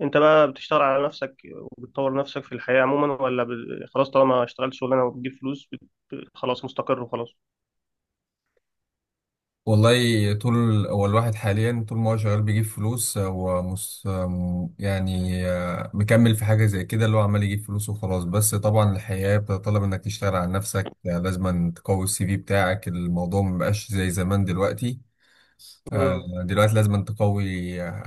انت بقى بتشتغل على نفسك وبتطور نفسك في الحياة عموما ولا خلاص؟ طالما اشتغلت شغلانة وبتجيب فلوس خلاص مستقر وخلاص. والله، هو الواحد حاليا طول ما هو شغال بيجيب فلوس هو يعني مكمل في حاجة زي كده اللي هو عمال يجيب فلوس وخلاص. بس طبعا الحياة بتطلب انك تشتغل على نفسك، لازم تقوي CV بتاعك. الموضوع مبقاش زي زمان دلوقتي. آه، امم. دلوقتي لازم تقوي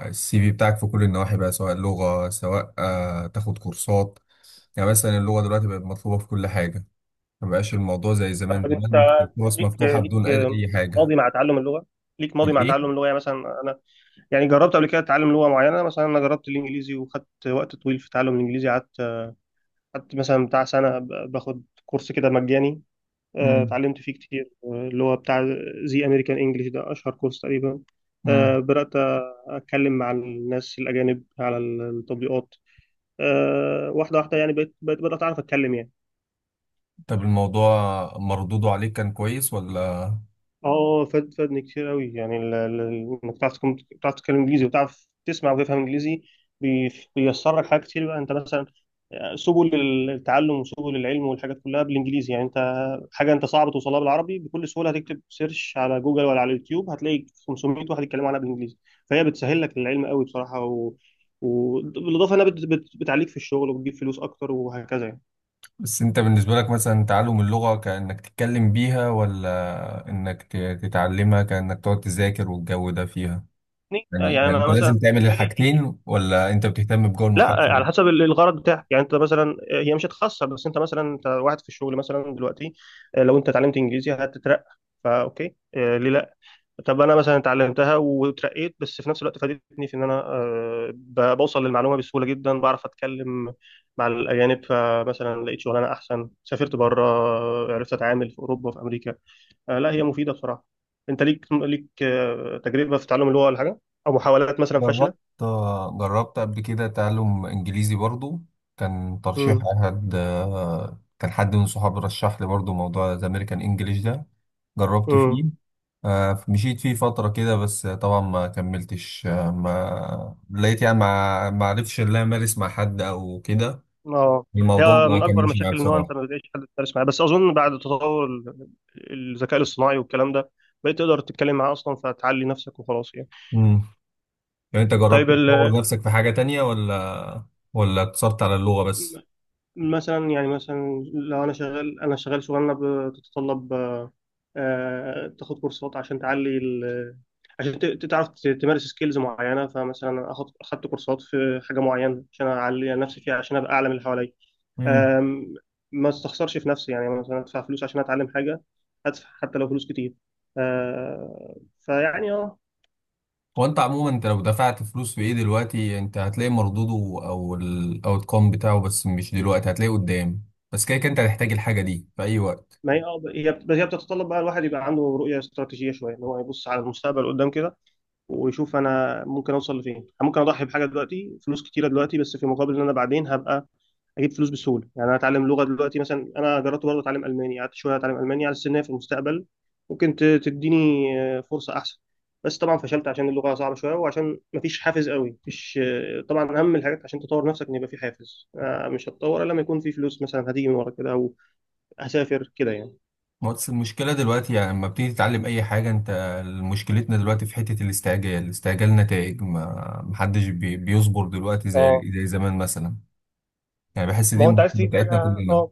السي في بتاعك في كل النواحي بقى، سواء لغة، سواء تاخد كورسات. يعني مثلا اللغة دلوقتي بقت مطلوبة في كل حاجة. مبقاش الموضوع زي زمان. طب زمان انت ممكن الفرص ليك مفتوحة ليك بدون أي أي حاجة. ماضي مع تعلم اللغة؟ ليك ماضي مع الإيه؟ تعلم اللغة، يعني مثلا انا يعني جربت قبل كده اتعلم لغة معينة، مثلا انا جربت الانجليزي وخدت وقت طويل في تعلم الانجليزي. قعدت مثلا بتاع سنة باخد كورس كده مجاني. مم. اتعلمت فيه كتير، اللي هو بتاع زي امريكان انجلش ده، اشهر كورس تقريبا. مم. بدات اتكلم مع الناس الاجانب على التطبيقات، واحده واحده، يعني بقيت بدات اعرف اتكلم يعني. طب الموضوع مردوده عليك كان كويس ولا؟ اه، فادني كتير قوي، يعني انك بتعرف تتكلم انجليزي وبتعرف تسمع وتفهم انجليزي. بيسر لك حاجات كتير بقى. انت مثلا سبل التعلم وسبل العلم والحاجات كلها بالانجليزي، يعني انت حاجه انت صعب توصلها بالعربي بكل سهوله، هتكتب سيرش على جوجل ولا على اليوتيوب هتلاقي 500 واحد يتكلموا عنها بالانجليزي. فهي بتسهل لك العلم قوي بصراحه، وبالاضافه انها بتعليك في الشغل، وبتجيب فلوس اكتر وهكذا. بس انت بالنسبة لك مثلا تعلم اللغة كأنك تتكلم بيها، ولا انك تتعلمها كأنك تقعد تذاكر والجو ده فيها؟ يعني يعني يعني يعني انا انت مثلا لازم تعمل بالنسبه لي، الحاجتين، ولا انت بتهتم بجو لا، المحادثة؟ على حسب الغرض بتاعك. يعني انت مثلا هي مش هتخسر، بس انت مثلا، انت واحد في الشغل مثلا دلوقتي، لو انت اتعلمت انجليزي هتترقى، فا اوكي، ليه لا. طب انا مثلا اتعلمتها وترقيت، بس في نفس الوقت فادتني في ان انا بوصل للمعلومه بسهوله جدا، بعرف اتكلم مع الاجانب، فمثلا لقيت شغلانه احسن، سافرت بره، عرفت اتعامل في اوروبا وفي امريكا. لا، هي مفيده بصراحه. انت ليك تجربه في تعلم اللغه ولا حاجه، او محاولات مثلا جربت. فاشله؟ جربت قبل كده تعلم انجليزي برضو. كان ترشيح احد، كان حد من صحابي رشح لي برضو موضوع الامريكان انجليش ده. جربت فيه، امم. مشيت فيه فترة كده بس طبعا ما كملتش، ما لقيت يعني ما عرفش ان انا امارس مع حد او كده. اه الموضوع هي من ما اكبر كملش معايا المشاكل ان هو انت بصراحة. ما بتلاقيش حد تدرس معاه، بس اظن بعد تطور الذكاء الاصطناعي والكلام ده، بقيت تقدر تتكلم معاه اصلا، فتعلي نفسك وخلاص يعني. امم. يعني انت طيب جربت تطور نفسك في حاجة تانية، ولا اقتصرت على اللغة بس؟ مثلا، يعني مثلا لو انا شغال، شغلانه بتتطلب تاخد كورسات عشان تعلي عشان تعرف تمارس سكيلز معينه، فمثلا اخدت كورسات في حاجه معينه عشان اعلي نفسي فيها عشان ابقى اعلى من اللي حواليا. أم، ما استخسرش في نفسي، يعني مثلا ادفع فلوس عشان اتعلم حاجه، هدفع حتى لو فلوس كتير. فيعني هو انت عموما، انت لو دفعت فلوس في ايه دلوقتي انت هتلاقي مردوده او الاوت كوم بتاعه. بس مش دلوقتي، هتلاقيه قدام. بس كده كده انت هتحتاج الحاجه دي في اي وقت. ما هي، هي بتتطلب بقى الواحد يبقى عنده رؤيه استراتيجيه شويه، ان هو يبص على المستقبل قدام كده، ويشوف انا ممكن اوصل لفين. أنا ممكن اضحي بحاجه دلوقتي، فلوس كتيره دلوقتي، بس في مقابل ان انا بعدين هبقى اجيب فلوس بسهوله. يعني انا اتعلم لغه دلوقتي مثلا، انا جربت برضه اتعلم الماني، قعدت شويه اتعلم الماني، على السنه في المستقبل ممكن تديني فرصه احسن. بس طبعا فشلت عشان اللغه صعبه شويه، وعشان مفيش حافز قوي مفيش، طبعا اهم الحاجات عشان تطور نفسك ان يبقى في حافز، مش هتطور الا لما يكون في فلوس مثلا هتيجي من ورا كده، او هسافر كده يعني. ما بس المشكله دلوقتي يعني لما بتيجي تتعلم اي حاجه انت، مشكلتنا دلوقتي في حته الاستعجال، استعجال نتائج. ما محدش بيصبر دلوقتي اه، زي زمان مثلا. يعني بحس دي ما هو انت المشكله عايز تجيب بتاعتنا حاجه، كلنا. اه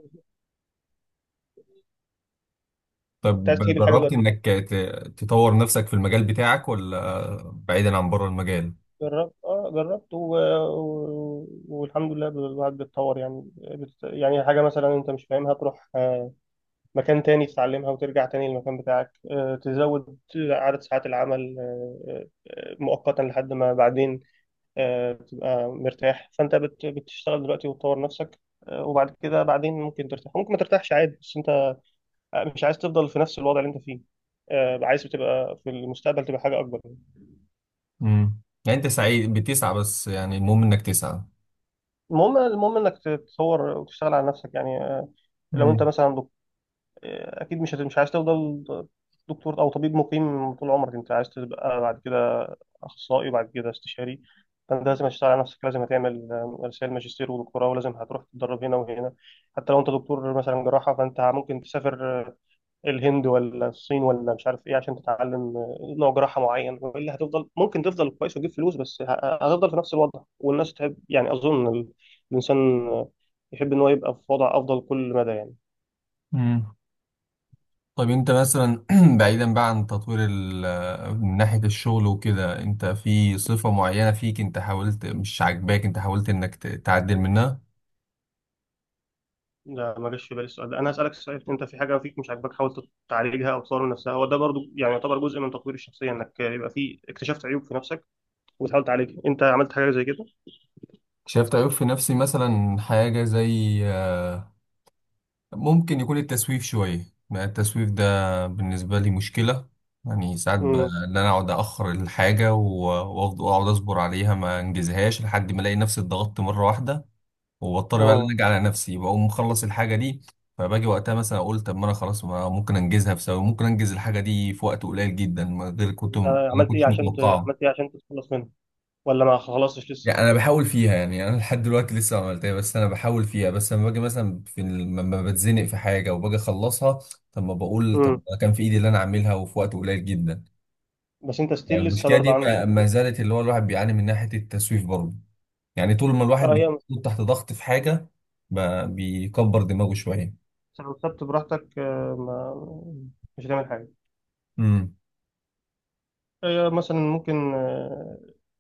انت طب عايز تجيب الحاجه جربت دلوقتي يعني. انك تطور نفسك في المجال بتاعك ولا بعيدا عن بره المجال؟ جربت، جربت، والحمد لله الواحد بيتطور، يعني يعني حاجه مثلا انت مش فاهمها تروح مكان تاني تتعلمها وترجع تاني للمكان بتاعك، تزود عدد ساعات العمل، مؤقتا لحد ما بعدين، تبقى مرتاح. فأنت بتشتغل دلوقتي وتطور نفسك، وبعد كده بعدين ممكن ترتاح، ممكن ما ترتاحش عادي، بس أنت مش عايز تفضل في نفس الوضع اللي أنت فيه، عايز تبقى في المستقبل تبقى حاجة أكبر. امم. يعني انت سعيد بتسعى، بس يعني المهم انك تسعى. المهم إنك تتطور وتشتغل على نفسك يعني. لو أنت امم. مثلا، اكيد مش عايز تفضل دكتور او طبيب مقيم طول عمرك، انت عايز تبقى بعد كده اخصائي، وبعد كده استشاري. فانت لازم تشتغل على نفسك، لازم هتعمل رسائل ماجستير ودكتوراه، ولازم هتروح تتدرب هنا وهنا. حتى لو انت دكتور مثلا جراحه، فانت ممكن تسافر الهند ولا الصين ولا مش عارف ايه عشان تتعلم نوع جراحه معين، والا هتفضل، ممكن تفضل كويس وتجيب فلوس، بس هتفضل في نفس الوضع. والناس تحب، يعني اظن الانسان يحب ان هو يبقى في وضع افضل كل مدى يعني. امم. طيب انت مثلا بعيدا بقى عن تطوير من ناحية الشغل وكده، انت في صفة معينة فيك انت حاولت مش عاجباك، انت حاولت انك تعدل منها؟ لا، ما جاش في بالي السؤال ده. انا هسالك سؤال، انت في حاجه فيك مش عاجباك حاول تعالجها او تطور من نفسها؟ هو ده برضو يعني يعتبر جزء من تطوير الشخصيه، انك يبقى في اكتشفت عيوب في نفسك وتحاول تعالجها. انت عملت حاجه زي كده؟ شايف عيب في نفسي مثلا، حاجة زي ممكن يكون التسويف شوية. يعني التسويف ده بالنسبة لي مشكلة. يعني ساعات امم. ان انا اقعد اخر الحاجة واقعد وأقعد اصبر عليها، ما انجزهاش لحد ما الاقي نفسي اتضغطت مرة واحدة، واضطر بقى ان اه، ارجع على نفسي، بقوم مخلص الحاجه دي. فباجي وقتها مثلا اقول، طب ما انا خلاص ما ممكن انجزها في ثواني، ممكن انجز الحاجه دي في وقت قليل جدا ما غير كنت انت ما عملت ايه كنتش عشان متوقعه. عملت ايه عشان تتخلص منها، ولا ما خلصتش لسه؟ يعني انا بحاول فيها، يعني انا لحد دلوقتي لسه ما عملتها، بس انا بحاول فيها. بس لما باجي مثلا في لما بتزنق في حاجه وباجي اخلصها، طب ما بقول طب امم. ما كان في ايدي اللي انا اعملها وفي وقت قليل جدا. بس انت يعني ستيل لسه المشكله برضه دي عندك ما ما نفسك. زالت، اللي هو الواحد بيعاني من ناحيه التسويف برضه. يعني طول ما الواحد اه هي بيكون تحت ضغط في حاجه ما بيكبر دماغه شويه. لو سبت براحتك، آه، ما... مش هتعمل حاجه. امم. مثلا ممكن،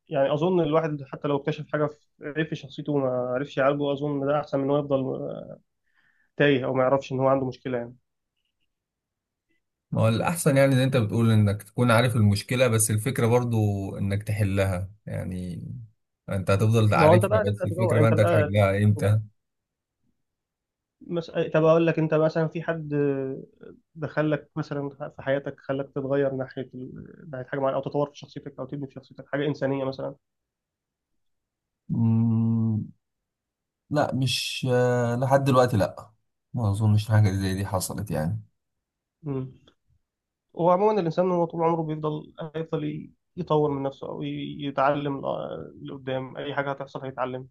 يعني اظن الواحد حتى لو اكتشف حاجه في، عيب في شخصيته، وما عرفش يعالجه، اظن ده احسن من انه يفضل تايه او ما يعرفش ان هو عنده مشكله يعني. ما هو الأحسن يعني زي أنت بتقول، إنك تكون عارف المشكلة. بس الفكرة برضو إنك تحلها يعني. أنت هتفضل ما هو انت تعرفها، بقى بس تبدا الفكرة تدور بقى انت أنت بقى. هتحلها إمتى؟ طب اقول لك، انت مثلا في حد دخلك مثلا في حياتك خلاك تتغير ناحيه ناحيه حاجه معينه، او تطور في شخصيتك، او تبني في شخصيتك حاجه انسانيه مثلا؟ مم، لا مش لحد دلوقتي، لا. ما اظنش حاجه زي دي حصلت يعني. امم. وعموما الانسان هو طول عمره هيفضل يطور من نفسه، او يتعلم. لقدام اي حاجه هتحصل هيتعلم،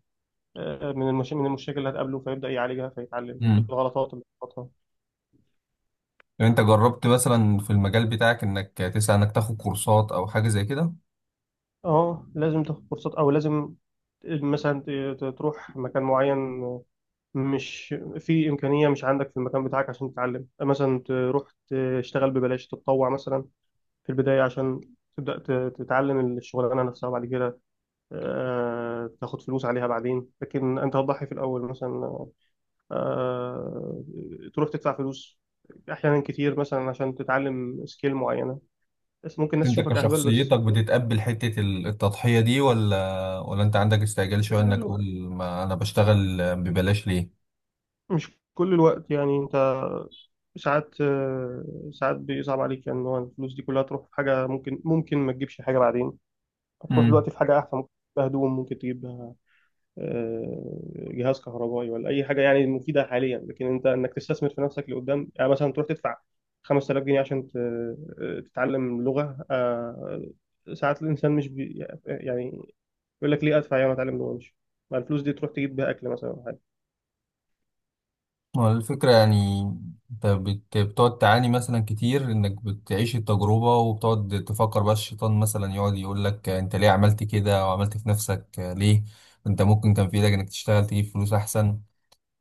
من المشاكل اللي هتقابله فيبدا يعالجها، فيتعلم مم. الغلطات اللي بتغلطها. لو انت جربت مثلا في المجال بتاعك انك تسعى انك تاخد كورسات او حاجه زي كده؟ اه، لازم تاخد كورسات، او لازم مثلا تروح مكان معين، مش في امكانيه، مش عندك في المكان بتاعك عشان تتعلم. مثلا تروح تشتغل ببلاش، تتطوع مثلا في البدايه، عشان تبدا تتعلم الشغلانه نفسها، وبعد كده تاخد فلوس عليها بعدين. لكن انت هتضحي في الاول مثلا، آه، تروح تدفع فلوس احيانا كتير مثلا عشان تتعلم سكيل معينه، بس ممكن الناس انت تشوفك اهبل. بس كشخصيتك بتتقبل حته التضحيه دي، ولا انت عندك استعجال شويه انك تقول ما انا بشتغل ببلاش ليه؟ مش كل الوقت يعني. انت ساعات، ساعات بيصعب عليك، يعني ان هو الفلوس دي كلها تروح في حاجه ممكن ما تجيبش حاجه بعدين. هتروح مم. دلوقتي في حاجه احسن، ممكن تجيبها هدوم، ممكن تجيبها جهاز كهربائي، ولا اي حاجه يعني مفيده حاليا، لكن انت انك تستثمر في نفسك لقدام، يعني مثلا تروح تدفع 5000 جنيه عشان تتعلم لغه، ساعات الانسان مش يعني يقول لك ليه ادفع يعني اتعلم لغه، مش ما الفلوس دي تروح تجيب بيها اكل مثلا، أو حاجه. هو الفكرة يعني انت بتقعد تعاني مثلا كتير، انك بتعيش التجربة وبتقعد تفكر بقى، الشيطان مثلا يقعد يقول لك انت ليه عملت كده وعملت في نفسك ليه، انت ممكن كان في ايدك انك تشتغل تجيب فلوس احسن.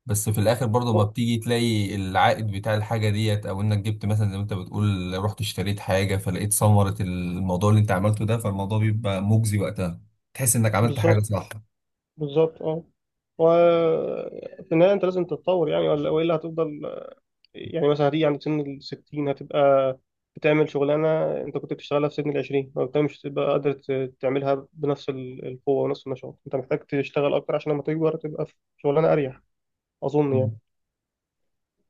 بس في الاخر برضه ما بتيجي تلاقي العائد بتاع الحاجة ديت، او انك جبت مثلا زي ما انت بتقول رحت اشتريت حاجة فلقيت ثمرة الموضوع اللي انت عملته ده، فالموضوع بيبقى مجزي وقتها، تحس انك عملت حاجة بالظبط. صح. بالظبط، اه. وفي النهاية أنت لازم تتطور، يعني ولا وإلا هتفضل يعني مثلا هتيجي عند سن الستين هتبقى بتعمل شغلانة أنت كنت بتشتغلها في سن العشرين، ما بتبقى مش تبقى قادر تعملها بنفس القوة ونفس النشاط. أنت محتاج تشتغل أكتر عشان لما تكبر تبقى في شغلانة أريح، أظن يعني.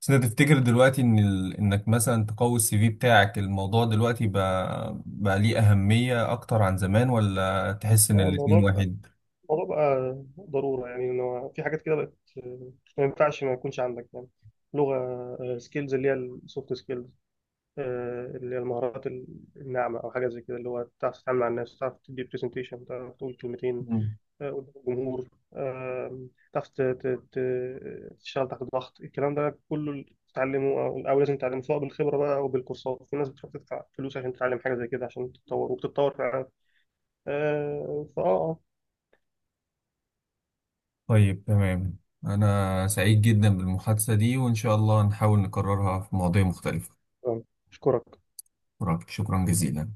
بس انت تفتكر دلوقتي ان ال... انك مثلا تقوي CV بتاعك الموضوع دلوقتي بقى ليه اهمية اكتر عن زمان، ولا تحس ان اه الموضوع، الاتنين واحد؟ الموضوع بقى ضرورة يعني، إن هو في حاجات كده بقت ما ينفعش ما يكونش عندك، يعني لغة، سكيلز اللي هي السوفت سكيلز، اللي هي المهارات الناعمة، أو حاجة زي كده، اللي هو تعرف تتعامل مع الناس، تعرف تدي برزنتيشن، تعرف تقول كلمتين مم. قدام الجمهور، آه، تعرف تشتغل تحت ضغط. الكلام ده كله تتعلمه، أو لازم تتعلمه، سواء بالخبرة بقى أو بالكورسات. في ناس بتروح تدفع فلوس عشان تتعلم حاجة زي كده عشان تتطور، وبتتطور فعلا. آه، فأه آه، طيب تمام، انا سعيد جدا بالمحادثة دي وان شاء الله نحاول نكررها في مواضيع مختلفة. آه، أشكرك. شكرا، شكراً جزيلا.